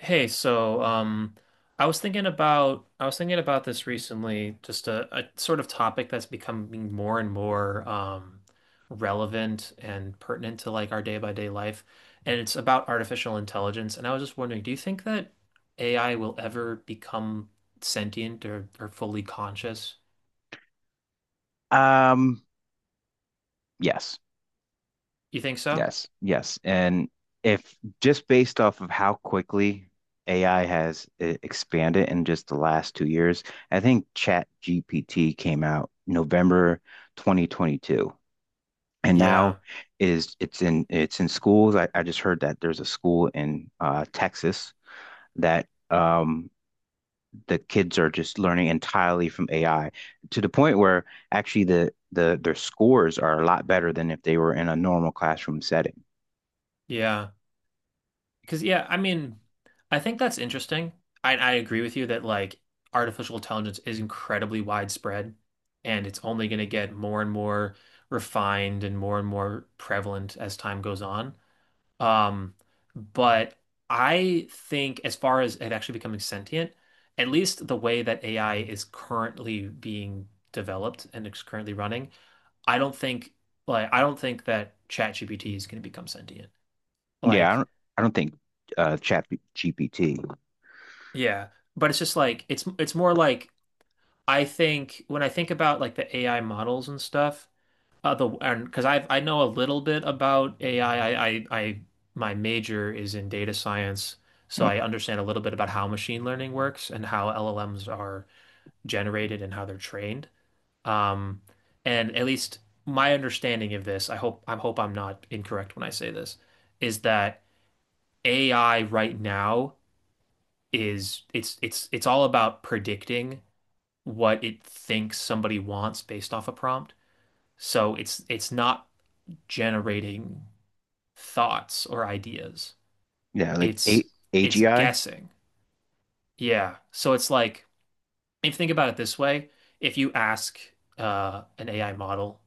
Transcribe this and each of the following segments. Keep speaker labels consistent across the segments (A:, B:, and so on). A: Hey, I was thinking about this recently, just a sort of topic that's becoming more and more relevant and pertinent to like our day by day life, and it's about artificial intelligence. And I was just wondering, do you think that AI will ever become sentient or fully conscious?
B: Um, yes,
A: You think so?
B: yes. And if just based off of how quickly AI has expanded in just the last 2 years, I think Chat GPT came out November 2022. And now
A: Yeah,
B: is it's in schools. I just heard that there's a school in Texas that the kids are just learning entirely from AI to the point where actually the their scores are a lot better than if they were in a normal classroom setting.
A: yeah. Because yeah, I mean, I think that's interesting. I agree with you that like artificial intelligence is incredibly widespread, and it's only going to get more and more refined and more prevalent as time goes on. Um, but I think as far as it actually becoming sentient, at least the way that AI is currently being developed and it's currently running, I don't think, I don't think that ChatGPT is going to become sentient.
B: Yeah, I
A: Like
B: don't I don't think Chat GPT.
A: yeah, but it's just like it's more like I think when I think about like the AI models and stuff, the and because I know a little bit about AI. I, my major is in data science, so
B: Oh,
A: I understand a little bit about how machine learning works and how LLMs are generated and how they're trained. Um, and at least my understanding of this, I hope I'm not incorrect when I say this, is that AI right now is it's all about predicting what it thinks somebody wants based off a prompt. So it's not generating thoughts or ideas.
B: yeah, like A
A: It's it's
B: AGI.
A: guessing. Yeah. So it's like if you think about it this way, if you ask an AI model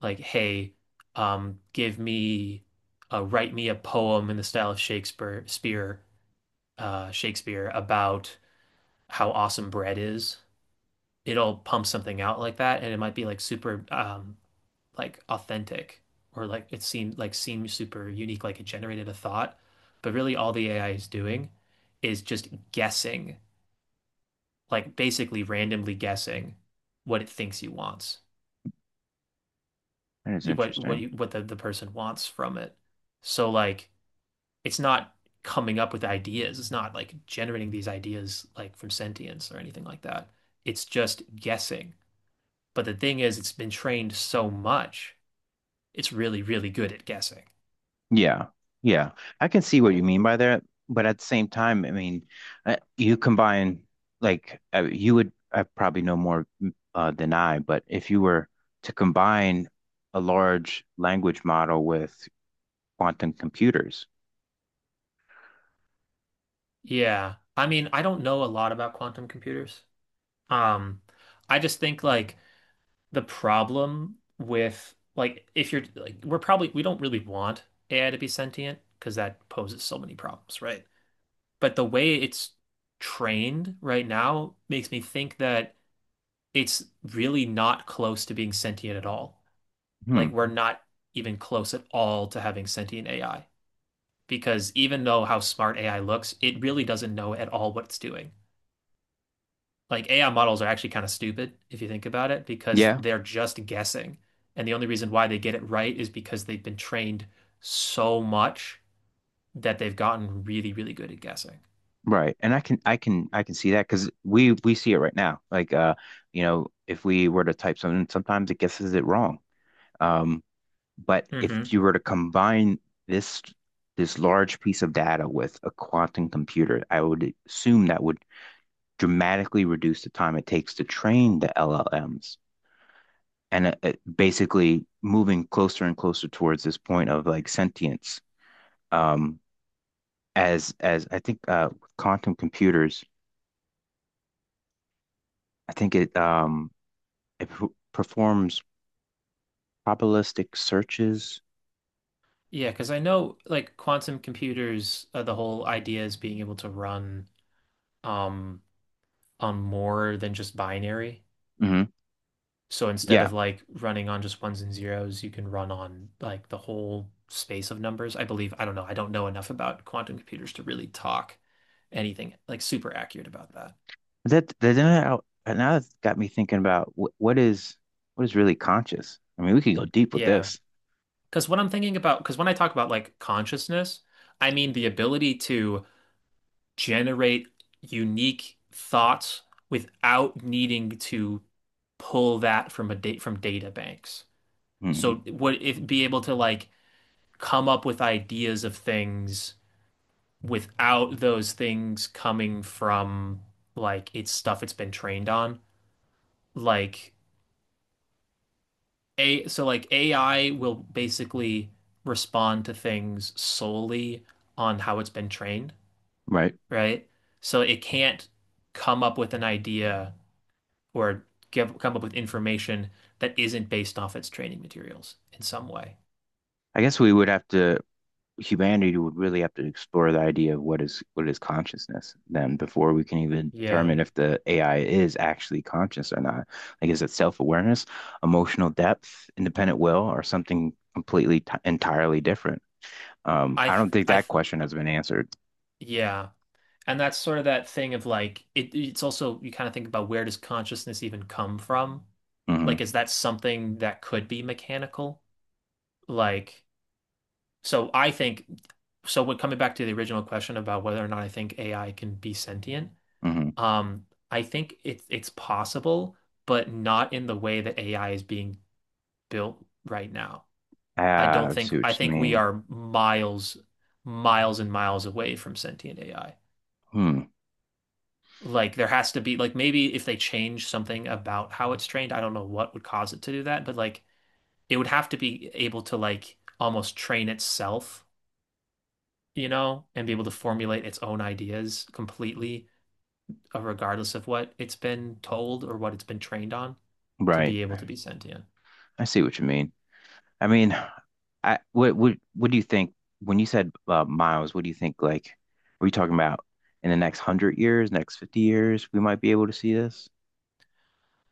A: like, "Hey, give me write me a poem in the style of Shakespeare about how awesome bread is." It'll pump something out like that, and it might be like super like authentic, or like it seemed super unique, like it generated a thought. But really, all the AI is doing is just guessing, like basically randomly guessing what it thinks he wants,
B: That is
A: what
B: interesting.
A: you, what the person wants from it. So like it's not coming up with ideas. It's not like generating these ideas like from sentience or anything like that. It's just guessing. But the thing is, it's been trained so much, it's really, really good at guessing.
B: Yeah, yeah. I can see what you mean by that, but at the same time, I mean, you combine like you would I probably know more than I, but if you were to combine a large language model with quantum computers,
A: Yeah. I mean, I don't know a lot about quantum computers. Um, I just think like the problem with like if you're like we're probably, we don't really want AI to be sentient because that poses so many problems, right? But the way it's trained right now makes me think that it's really not close to being sentient at all.
B: hmm,
A: Like we're not even close at all to having sentient AI, because even though how smart AI looks, it really doesn't know at all what it's doing. Like AI models are actually kind of stupid if you think about it, because
B: yeah,
A: they're just guessing. And the only reason why they get it right is because they've been trained so much that they've gotten really, really good at guessing.
B: right. And I can see that because we see it right now. Like you know, if we were to type something, sometimes it guesses it wrong. Um, But if
A: Hmm.
B: you were to combine this this large piece of data with a quantum computer, I would assume that would dramatically reduce the time it takes to train the LLMs and, it basically moving closer and closer towards this point of like sentience. Um, as I think with quantum computers, I think it performs probabilistic searches.
A: Yeah, because I know like quantum computers, the whole idea is being able to run um on more than just binary.
B: hmm
A: So instead
B: Yeah,
A: of like running on just ones and zeros, you can run on like the whole space of numbers. I believe, I don't know enough about quantum computers to really talk anything like super accurate about that.
B: That that now that's got me thinking about what is really conscious. I mean, we could go deep with
A: Yeah.
B: this.
A: Because what I'm thinking about, because when I talk about like consciousness, I mean the ability to generate unique thoughts without needing to pull that from a date from data banks.
B: hmm
A: So would if be able to like come up with ideas of things without those things coming from like it's stuff it's been trained on. Like A So like AI will basically respond to things solely on how it's been trained,
B: Right.
A: right? So it can't come up with an idea or give come up with information that isn't based off its training materials in some way.
B: I guess we would have to Humanity would really have to explore the idea of what is consciousness then before we can even
A: Yeah.
B: determine if the AI is actually conscious or not. Like, is it self-awareness, emotional depth, independent will, or something completely t entirely different? I don't think
A: I
B: that
A: th
B: question has been answered.
A: yeah. And that's sort of that thing of like it's also, you kind of think about, where does consciousness even come from? Like
B: hmm
A: is that something that could be mechanical? Like so I think, so when coming back to the original question about whether or not I think AI can be sentient,
B: hmm
A: I think it's possible, but not in the way that AI is being built right now. I
B: Ah,
A: don't
B: I
A: think,
B: see
A: I
B: what you
A: think we
B: mean.
A: are miles, miles and miles away from sentient AI.
B: Hmm.
A: Like there has to be like, maybe if they change something about how it's trained, I don't know what would cause it to do that, but like it would have to be able to like almost train itself, you know, and be able to formulate its own ideas completely, regardless of what it's been told or what it's been trained on, to
B: Right.
A: be able to be sentient.
B: I see what you mean. I mean, I what do you think when you said miles? What do you think? Like, are we talking about in the next hundred years, next 50 years, we might be able to see this?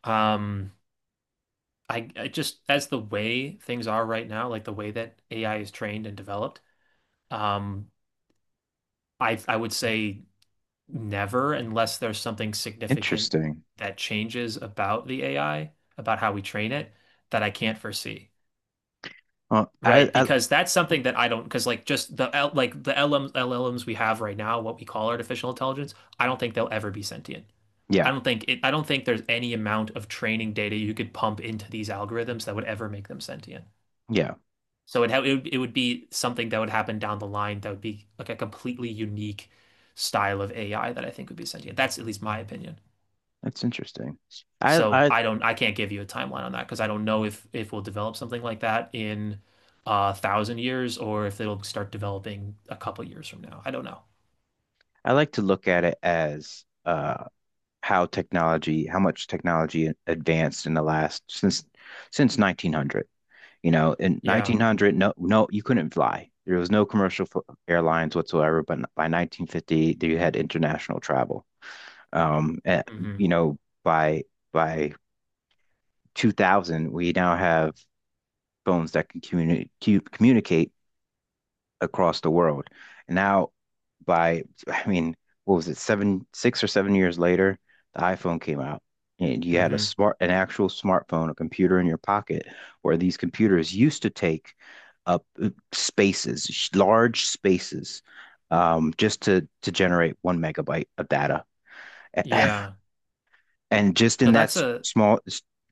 A: Um, I just, as the way things are right now, like the way that AI is trained and developed, um, I would say never, unless there's something significant
B: Interesting.
A: that changes about the AI, about how we train it, that I can't foresee.
B: Well,
A: Right,
B: I
A: because that's something that I don't, because like just the L, like the LM, LLMs we have right now, what we call artificial intelligence, I don't think they'll ever be sentient. I
B: yeah
A: don't think it, I don't think there's any amount of training data you could pump into these algorithms that would ever make them sentient.
B: yeah,
A: So it would be something that would happen down the line that would be like a completely unique style of AI that I think would be sentient. That's at least my opinion.
B: that's interesting. I
A: So
B: I
A: I don't, I can't give you a timeline on that, because I don't know if we'll develop something like that in a thousand years, or if it'll start developing a couple years from now. I don't know.
B: I like to look at it as how technology, how much technology advanced in the last since 1900. You know, in
A: Yeah.
B: 1900, no, you couldn't fly. There was no commercial airlines whatsoever. But by 1950, you had international travel. And
A: Hmm.
B: you know, by by 2000, we now have phones that can communicate across the world. Now, by, I mean, what was it, 6 or 7 years later, the iPhone came out. And you had
A: Hmm.
B: an actual smartphone, a computer in your pocket, where these computers used to take up large spaces, just to generate 1 megabyte of data.
A: Yeah.
B: And just
A: No,
B: in
A: that's
B: that
A: a
B: small,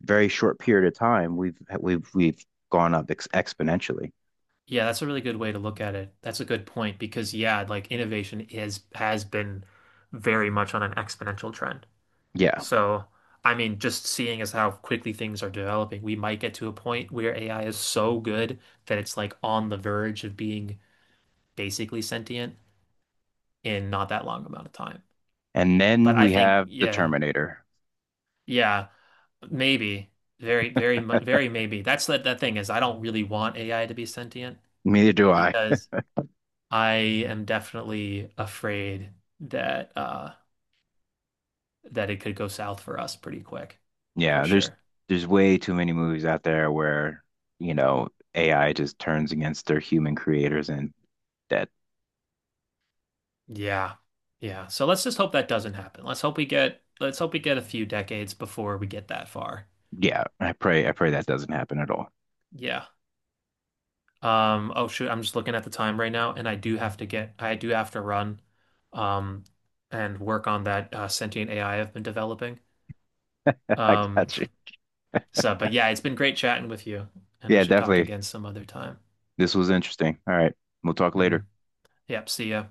B: very short period of time, we've gone up ex exponentially.
A: yeah, that's a really good way to look at it. That's a good point because yeah, like innovation is has been very much on an exponential trend.
B: Yeah.
A: So I mean, just seeing as how quickly things are developing, we might get to a point where AI is so good that it's like on the verge of being basically sentient in not that long amount of time.
B: And
A: But
B: then
A: I
B: we
A: think,
B: have the
A: yeah,
B: Terminator.
A: yeah, maybe, very maybe. That's the, that thing is, I don't really want AI to be sentient
B: Neither do I.
A: because I am definitely afraid that that it could go south for us pretty quick, for
B: Yeah, there's
A: sure.
B: there's way too many movies out there where, you know, AI just turns against their human creators and that
A: Yeah, yeah. So let's just hope that doesn't happen. Let's hope we get a few decades before we get that far.
B: yeah, I pray that doesn't happen at all.
A: Yeah. Oh shoot, I'm just looking at the time right now, and I do have to run, um, and work on that sentient AI I've been developing.
B: I
A: Um,
B: got you.
A: so, but yeah, it's been great chatting with you, and we
B: Yeah,
A: should talk
B: definitely.
A: again some other time.
B: This was interesting. All right. We'll talk
A: Hmm.
B: later.
A: Yep, see ya.